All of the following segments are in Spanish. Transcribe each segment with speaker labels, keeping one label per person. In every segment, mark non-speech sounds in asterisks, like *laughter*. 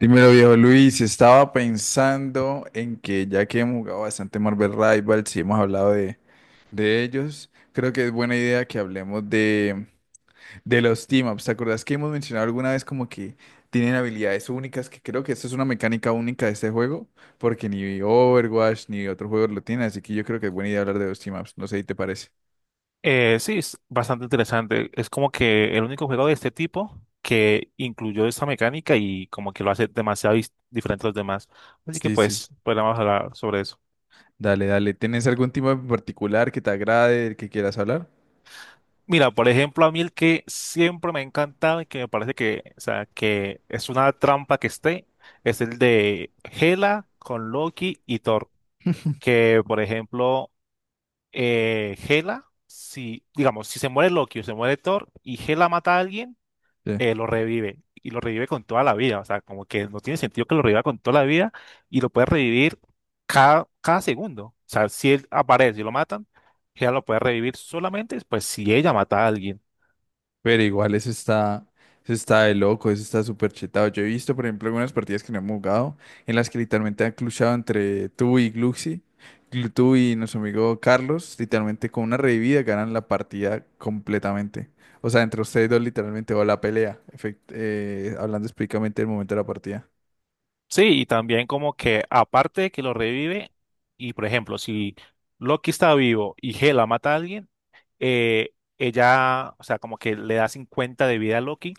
Speaker 1: Dímelo, viejo Luis, estaba pensando en que ya que hemos jugado bastante Marvel Rivals y hemos hablado de ellos. Creo que es buena idea que hablemos de los team-ups. ¿Te acordás que hemos mencionado alguna vez como que tienen habilidades únicas? Que creo que esta es una mecánica única de este juego, porque ni Overwatch ni otro juego lo tiene, así que yo creo que es buena idea hablar de los team-ups. No sé si te parece.
Speaker 2: Sí, es bastante interesante. Es como que el único juego de este tipo que incluyó esta mecánica y como que lo hace demasiado diferente a los demás. Así que
Speaker 1: Sí, sí.
Speaker 2: pues, podríamos hablar sobre eso.
Speaker 1: Dale, dale. ¿Tienes algún team-up en particular que te agrade, del que quieras hablar?
Speaker 2: Mira, por ejemplo, a mí el que siempre me ha encantado y que me parece que, o sea, que es una trampa que esté, es el de Hela con Loki y Thor. Que, por ejemplo, Hela, si, digamos, si se muere Loki o se muere Thor y Hela mata a alguien,
Speaker 1: Sí.
Speaker 2: lo revive y lo revive con toda la vida. O sea, como que no tiene sentido que lo reviva con toda la vida y lo puede revivir cada segundo. O sea, si él aparece y lo matan, ella lo puede revivir solamente pues si ella mata a alguien.
Speaker 1: Pero igual eso está de loco, eso está súper chetado. Yo he visto, por ejemplo, algunas partidas que no hemos jugado en las que literalmente han cluchado entre tú y Gluxy, tú y nuestro amigo Carlos, literalmente con una revivida ganan la partida completamente. O sea, entre ustedes dos literalmente va la pelea, hablando específicamente del momento de la partida.
Speaker 2: Sí, y también como que aparte de que lo revive y por ejemplo, si Loki está vivo y Hela mata a alguien, ella, o sea, como que le da 50 de vida a Loki,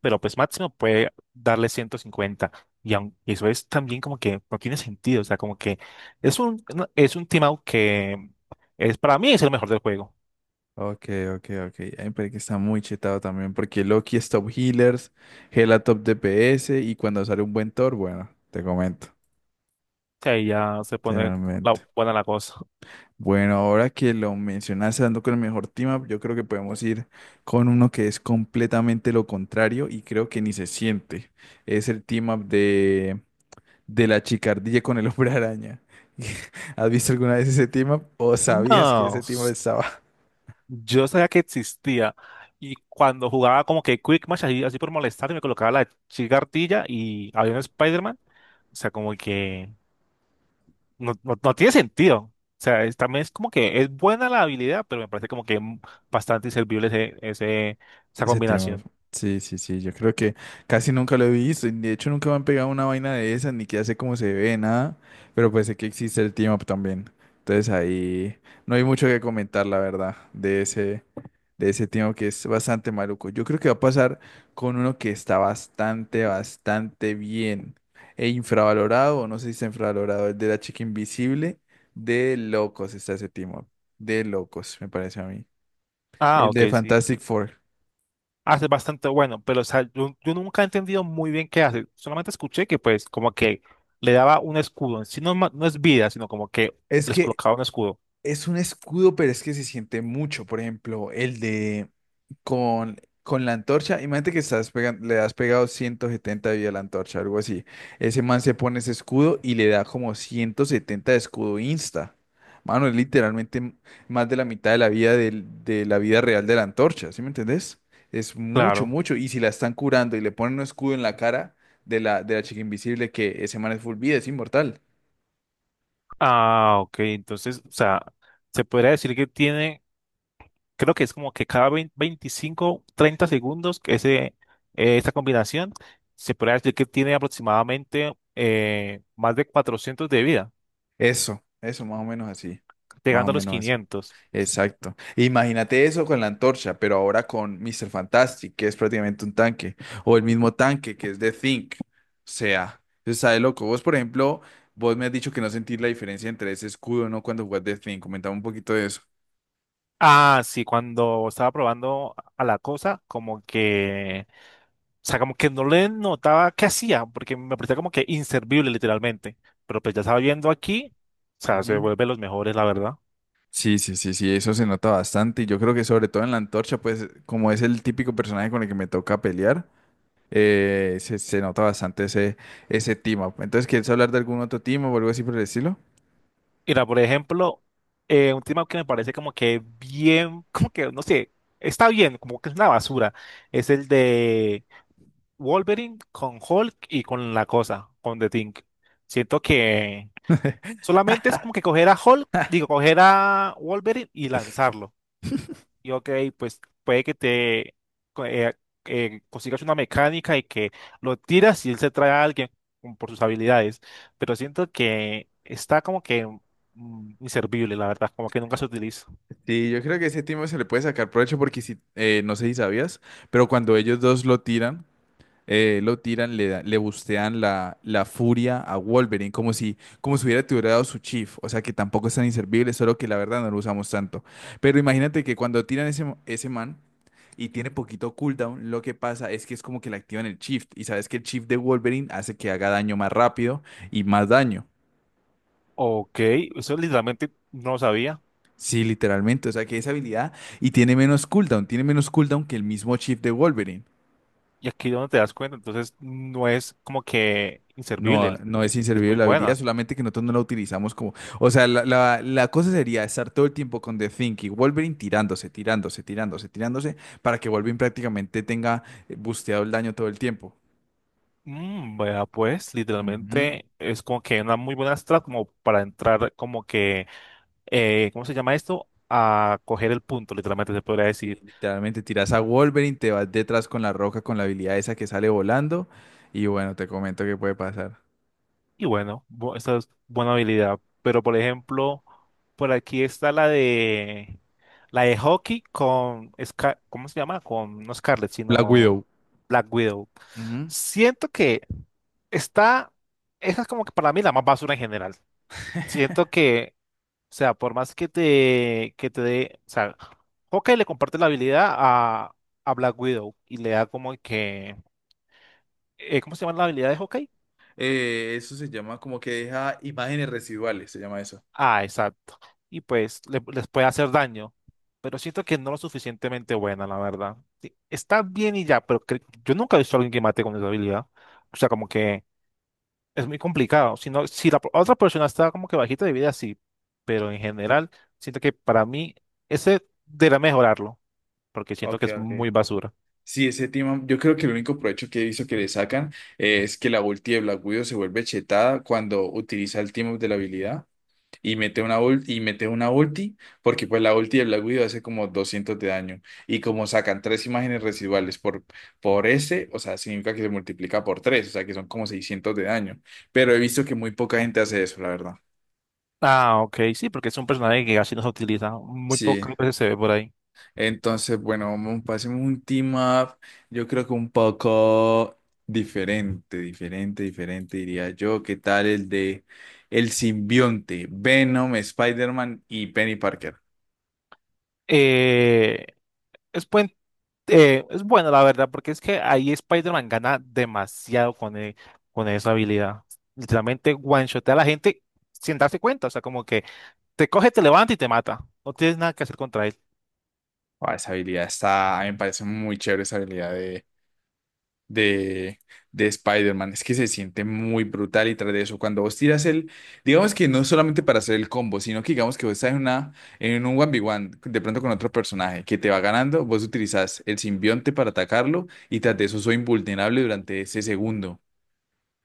Speaker 2: pero pues máximo puede darle 150. Y eso es también como que no tiene sentido, o sea, como que es un, es un team out que es, para mí es el mejor del juego.
Speaker 1: Ok, ok, ok. Ay, pero que está muy chetado también, porque Loki es top healers, Gela top DPS y cuando sale un buen Thor, bueno, te comento,
Speaker 2: O sea, y ya se pone la,
Speaker 1: literalmente.
Speaker 2: buena la cosa.
Speaker 1: Bueno, ahora que lo mencionas dando con el mejor team up, yo creo que podemos ir con uno que es completamente lo contrario y creo que ni se siente. Es el team up de la chicardilla con el hombre araña. *laughs* ¿Has visto alguna vez ese team up o sabías que
Speaker 2: No,
Speaker 1: ese team up estaba?
Speaker 2: yo sabía que existía. Y cuando jugaba como que Quick Match, así por molestar, me colocaba la chica ardilla y había un Spider-Man. O sea, como que no tiene sentido. O sea, también es como que es buena la habilidad, pero me parece como que bastante inservible esa
Speaker 1: Ese tema,
Speaker 2: combinación.
Speaker 1: sí, sí, sí, yo creo que casi nunca lo he visto, y de hecho nunca me han pegado una vaina de esas, ni que ya sé cómo se ve, nada, pero pues sé que existe el team up también. Entonces ahí no hay mucho que comentar, la verdad, de ese team up que es bastante maluco. Yo creo que va a pasar con uno que está bastante, bastante bien e infravalorado, o no sé si está infravalorado, el de la chica invisible. De locos está ese team up, de locos, me parece a mí,
Speaker 2: Ah,
Speaker 1: el de
Speaker 2: ok, sí.
Speaker 1: Fantastic Four.
Speaker 2: Hace bastante bueno, pero o sea, yo nunca he entendido muy bien qué hace. Solamente escuché que pues como que le daba un escudo. En sí no, es no es vida, sino como que
Speaker 1: Es
Speaker 2: les
Speaker 1: que
Speaker 2: colocaba un escudo.
Speaker 1: es un escudo, pero es que se siente mucho. Por ejemplo, el de con la antorcha. Imagínate que estás le has pegado 170 de vida a la antorcha, algo así. Ese man se pone ese escudo y le da como 170 de escudo insta. Mano, es literalmente más de la mitad de la vida de la vida real de la antorcha, ¿sí me entendés? Es mucho,
Speaker 2: Claro.
Speaker 1: mucho. Y si la están curando y le ponen un escudo en la cara de la chica invisible, que ese man es full vida, es inmortal.
Speaker 2: Ah, ok. Entonces, o sea, se podría decir que tiene. Creo que es como que cada 25, 30 segundos que ese, esta combinación se puede decir que tiene aproximadamente más de 400 de vida,
Speaker 1: Eso, más o menos así. Más o
Speaker 2: llegando a los
Speaker 1: menos así.
Speaker 2: 500.
Speaker 1: Exacto. Imagínate eso con la antorcha, pero ahora con Mr. Fantastic, que es prácticamente un tanque, o el mismo tanque que es de Think. O sea, eso está de loco. Vos, por ejemplo, vos me has dicho que no sentís la diferencia entre ese escudo, ¿no? Cuando jugás de Think. Comentame un poquito de eso.
Speaker 2: Ah, sí, cuando estaba probando a la cosa, como que, o sea, como que no le notaba qué hacía, porque me parecía como que inservible literalmente. Pero pues ya estaba viendo aquí, o sea, se
Speaker 1: Ujú.
Speaker 2: vuelve los mejores, la verdad.
Speaker 1: Sí, sí, sí, sí, eso se nota bastante. Y yo creo que sobre todo en la antorcha, pues como es el típico personaje con el que me toca pelear, se nota bastante ese team up. Entonces, ¿quieres hablar de algún otro team up o algo así por el estilo?
Speaker 2: Mira, por ejemplo, un tema que me parece como que bien, como que, no sé, está bien, como que es una basura, es el de Wolverine con Hulk y con la cosa, con The Thing. Siento que solamente es como que coger a Hulk, digo, coger a Wolverine y lanzarlo. Y ok, pues puede que te co- eh, consigas una mecánica y que lo tiras y él se trae a alguien por sus habilidades, pero siento que está como que inservible, la verdad, como que nunca se utiliza.
Speaker 1: Sí, yo creo que ese timo se le puede sacar provecho porque si, no sé si sabías, pero cuando ellos dos lo tiran, le bustean la furia a Wolverine, como si hubiera tirado su chief, o sea que tampoco es tan inservible, solo que la verdad no lo usamos tanto. Pero imagínate que cuando tiran ese man y tiene poquito cooldown, lo que pasa es que es como que le activan el shift, y sabes que el shift de Wolverine hace que haga daño más rápido y más daño.
Speaker 2: Ok, eso literalmente no lo sabía
Speaker 1: Sí, literalmente. O sea, que esa habilidad y tiene menos cooldown que el mismo chip de Wolverine.
Speaker 2: y aquí es donde te das cuenta, entonces no es como que
Speaker 1: No,
Speaker 2: inservible,
Speaker 1: no es
Speaker 2: es
Speaker 1: inservible
Speaker 2: muy
Speaker 1: la habilidad,
Speaker 2: buena.
Speaker 1: solamente que nosotros no la utilizamos como. O sea, la cosa sería estar todo el tiempo con The Think y Wolverine tirándose, tirándose, tirándose, tirándose, para que Wolverine prácticamente tenga busteado el daño todo el tiempo.
Speaker 2: Vea, pues
Speaker 1: Ujú.
Speaker 2: literalmente es como que una muy buena strat como para entrar como que ¿cómo se llama esto? A coger el punto, literalmente se podría
Speaker 1: Sí,
Speaker 2: decir.
Speaker 1: literalmente tiras a Wolverine, te vas detrás con la roca, con la habilidad esa que sale volando, y bueno, te comento qué puede pasar.
Speaker 2: Y bueno, esa es buena habilidad. Pero por ejemplo, por aquí está la de hockey con ¿cómo se llama? Con no Scarlett,
Speaker 1: Black Widow.
Speaker 2: sino Black Widow.
Speaker 1: Ujú.
Speaker 2: Siento que está, esa es como que para mí la más basura en general. Siento que, o sea, por más que te dé, o sea, Hawkeye le comparte la habilidad a Black Widow y le da como que ¿cómo se llama la habilidad de Hawkeye?
Speaker 1: Eso se llama como que deja imágenes residuales, se llama eso.
Speaker 2: Ah, exacto. Y pues les puede hacer daño, pero siento que no lo suficientemente buena, la verdad. Sí, está bien y ya, pero yo nunca he visto a alguien que mate con esa habilidad. O sea, como que es muy complicado. Si no, si la otra persona está como que bajita de vida, sí, pero en general siento que para mí ese debería mejorarlo, porque siento
Speaker 1: Ok,
Speaker 2: que es
Speaker 1: ok.
Speaker 2: muy basura.
Speaker 1: Sí, ese tema, yo creo que el único provecho que he visto que le sacan es que la ulti de Black Widow se vuelve chetada cuando utiliza el team up de la habilidad y mete una ulti, y mete una ulti, porque pues la ulti de Black Widow hace como 200 de daño y como sacan tres imágenes residuales por ese, o sea, significa que se multiplica por 3, o sea, que son como 600 de daño, pero he visto que muy poca gente hace eso, la verdad.
Speaker 2: Ah, ok, sí, porque es un personaje que casi no se utiliza, muy
Speaker 1: Sí.
Speaker 2: pocas veces se ve por ahí.
Speaker 1: Entonces, bueno, vamos, pasemos un team up, yo creo que un poco diferente, diferente, diferente, diría yo. ¿Qué tal el de el simbionte, Venom, Spider-Man y Penny Parker?
Speaker 2: Eh, es, buen- es bueno, la verdad, porque es que ahí Spider-Man gana demasiado con esa habilidad. Literalmente one-shotea a la gente sin darse cuenta, o sea, como que te coge, te levanta y te mata. No tienes nada que hacer contra él.
Speaker 1: Ah, esa habilidad está, a mí me parece muy chévere esa habilidad de, de Spider-Man. Es que se siente muy brutal y tras de eso, cuando vos tiras el, digamos que no solamente para hacer el combo, sino que digamos que vos estás en una, en un 1v1, de pronto con otro personaje que te va ganando, vos utilizás el simbionte para atacarlo y tras de eso soy invulnerable durante ese segundo.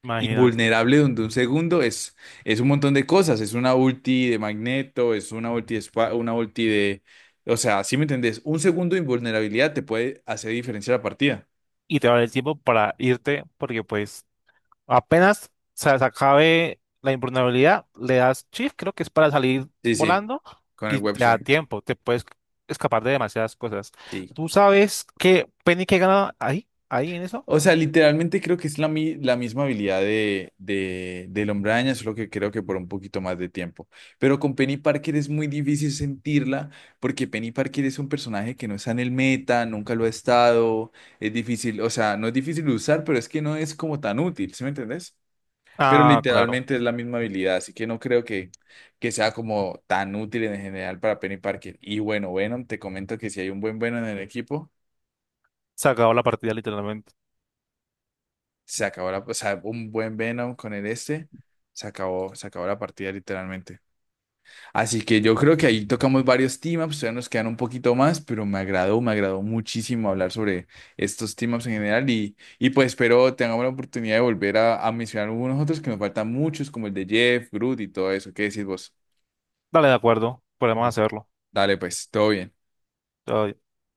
Speaker 2: Imagínate.
Speaker 1: Invulnerable donde un segundo es un montón de cosas, es una ulti de Magneto, es una ulti de, una ulti de, o sea, ¿si me entendés? Un segundo de invulnerabilidad te puede hacer diferencia la partida.
Speaker 2: Y te va a dar el tiempo para irte, porque pues apenas se acabe la improbabilidad, le das shift, creo que es para salir
Speaker 1: Sí, sí,
Speaker 2: volando,
Speaker 1: con el
Speaker 2: y
Speaker 1: web
Speaker 2: te da
Speaker 1: swing.
Speaker 2: tiempo, te puedes escapar de demasiadas cosas.
Speaker 1: Sí.
Speaker 2: ¿Tú sabes qué Penny que gana ahí? ¿Ahí en eso?
Speaker 1: O sea, literalmente creo que es la misma habilidad del Hombre Araña, solo que creo que por un poquito más de tiempo. Pero con Penny Parker es muy difícil sentirla, porque Penny Parker es un personaje que no está en el meta, nunca lo ha estado. Es difícil, o sea, no es difícil de usar, pero es que no es como tan útil, ¿sí me entendés? Pero
Speaker 2: Ah, claro.
Speaker 1: literalmente es la misma habilidad, así que no creo que sea como tan útil en general para Penny Parker. Y bueno, Venom, te comento que si hay un buen Venom en el equipo.
Speaker 2: Se acabó la partida literalmente.
Speaker 1: Se acabó la, o sea, un buen Venom con el este. Se acabó la partida literalmente. Así que yo creo que ahí tocamos varios team-ups, todavía nos quedan un poquito más, pero me agradó muchísimo hablar sobre estos team-ups en general y pues espero tengamos la oportunidad de volver a mencionar algunos otros que nos faltan muchos, como el de Jeff, Groot y todo eso. ¿Qué decís vos?
Speaker 2: Dale, de acuerdo. Podemos
Speaker 1: Listo.
Speaker 2: hacerlo.
Speaker 1: Dale, pues, todo bien.
Speaker 2: Todo bien.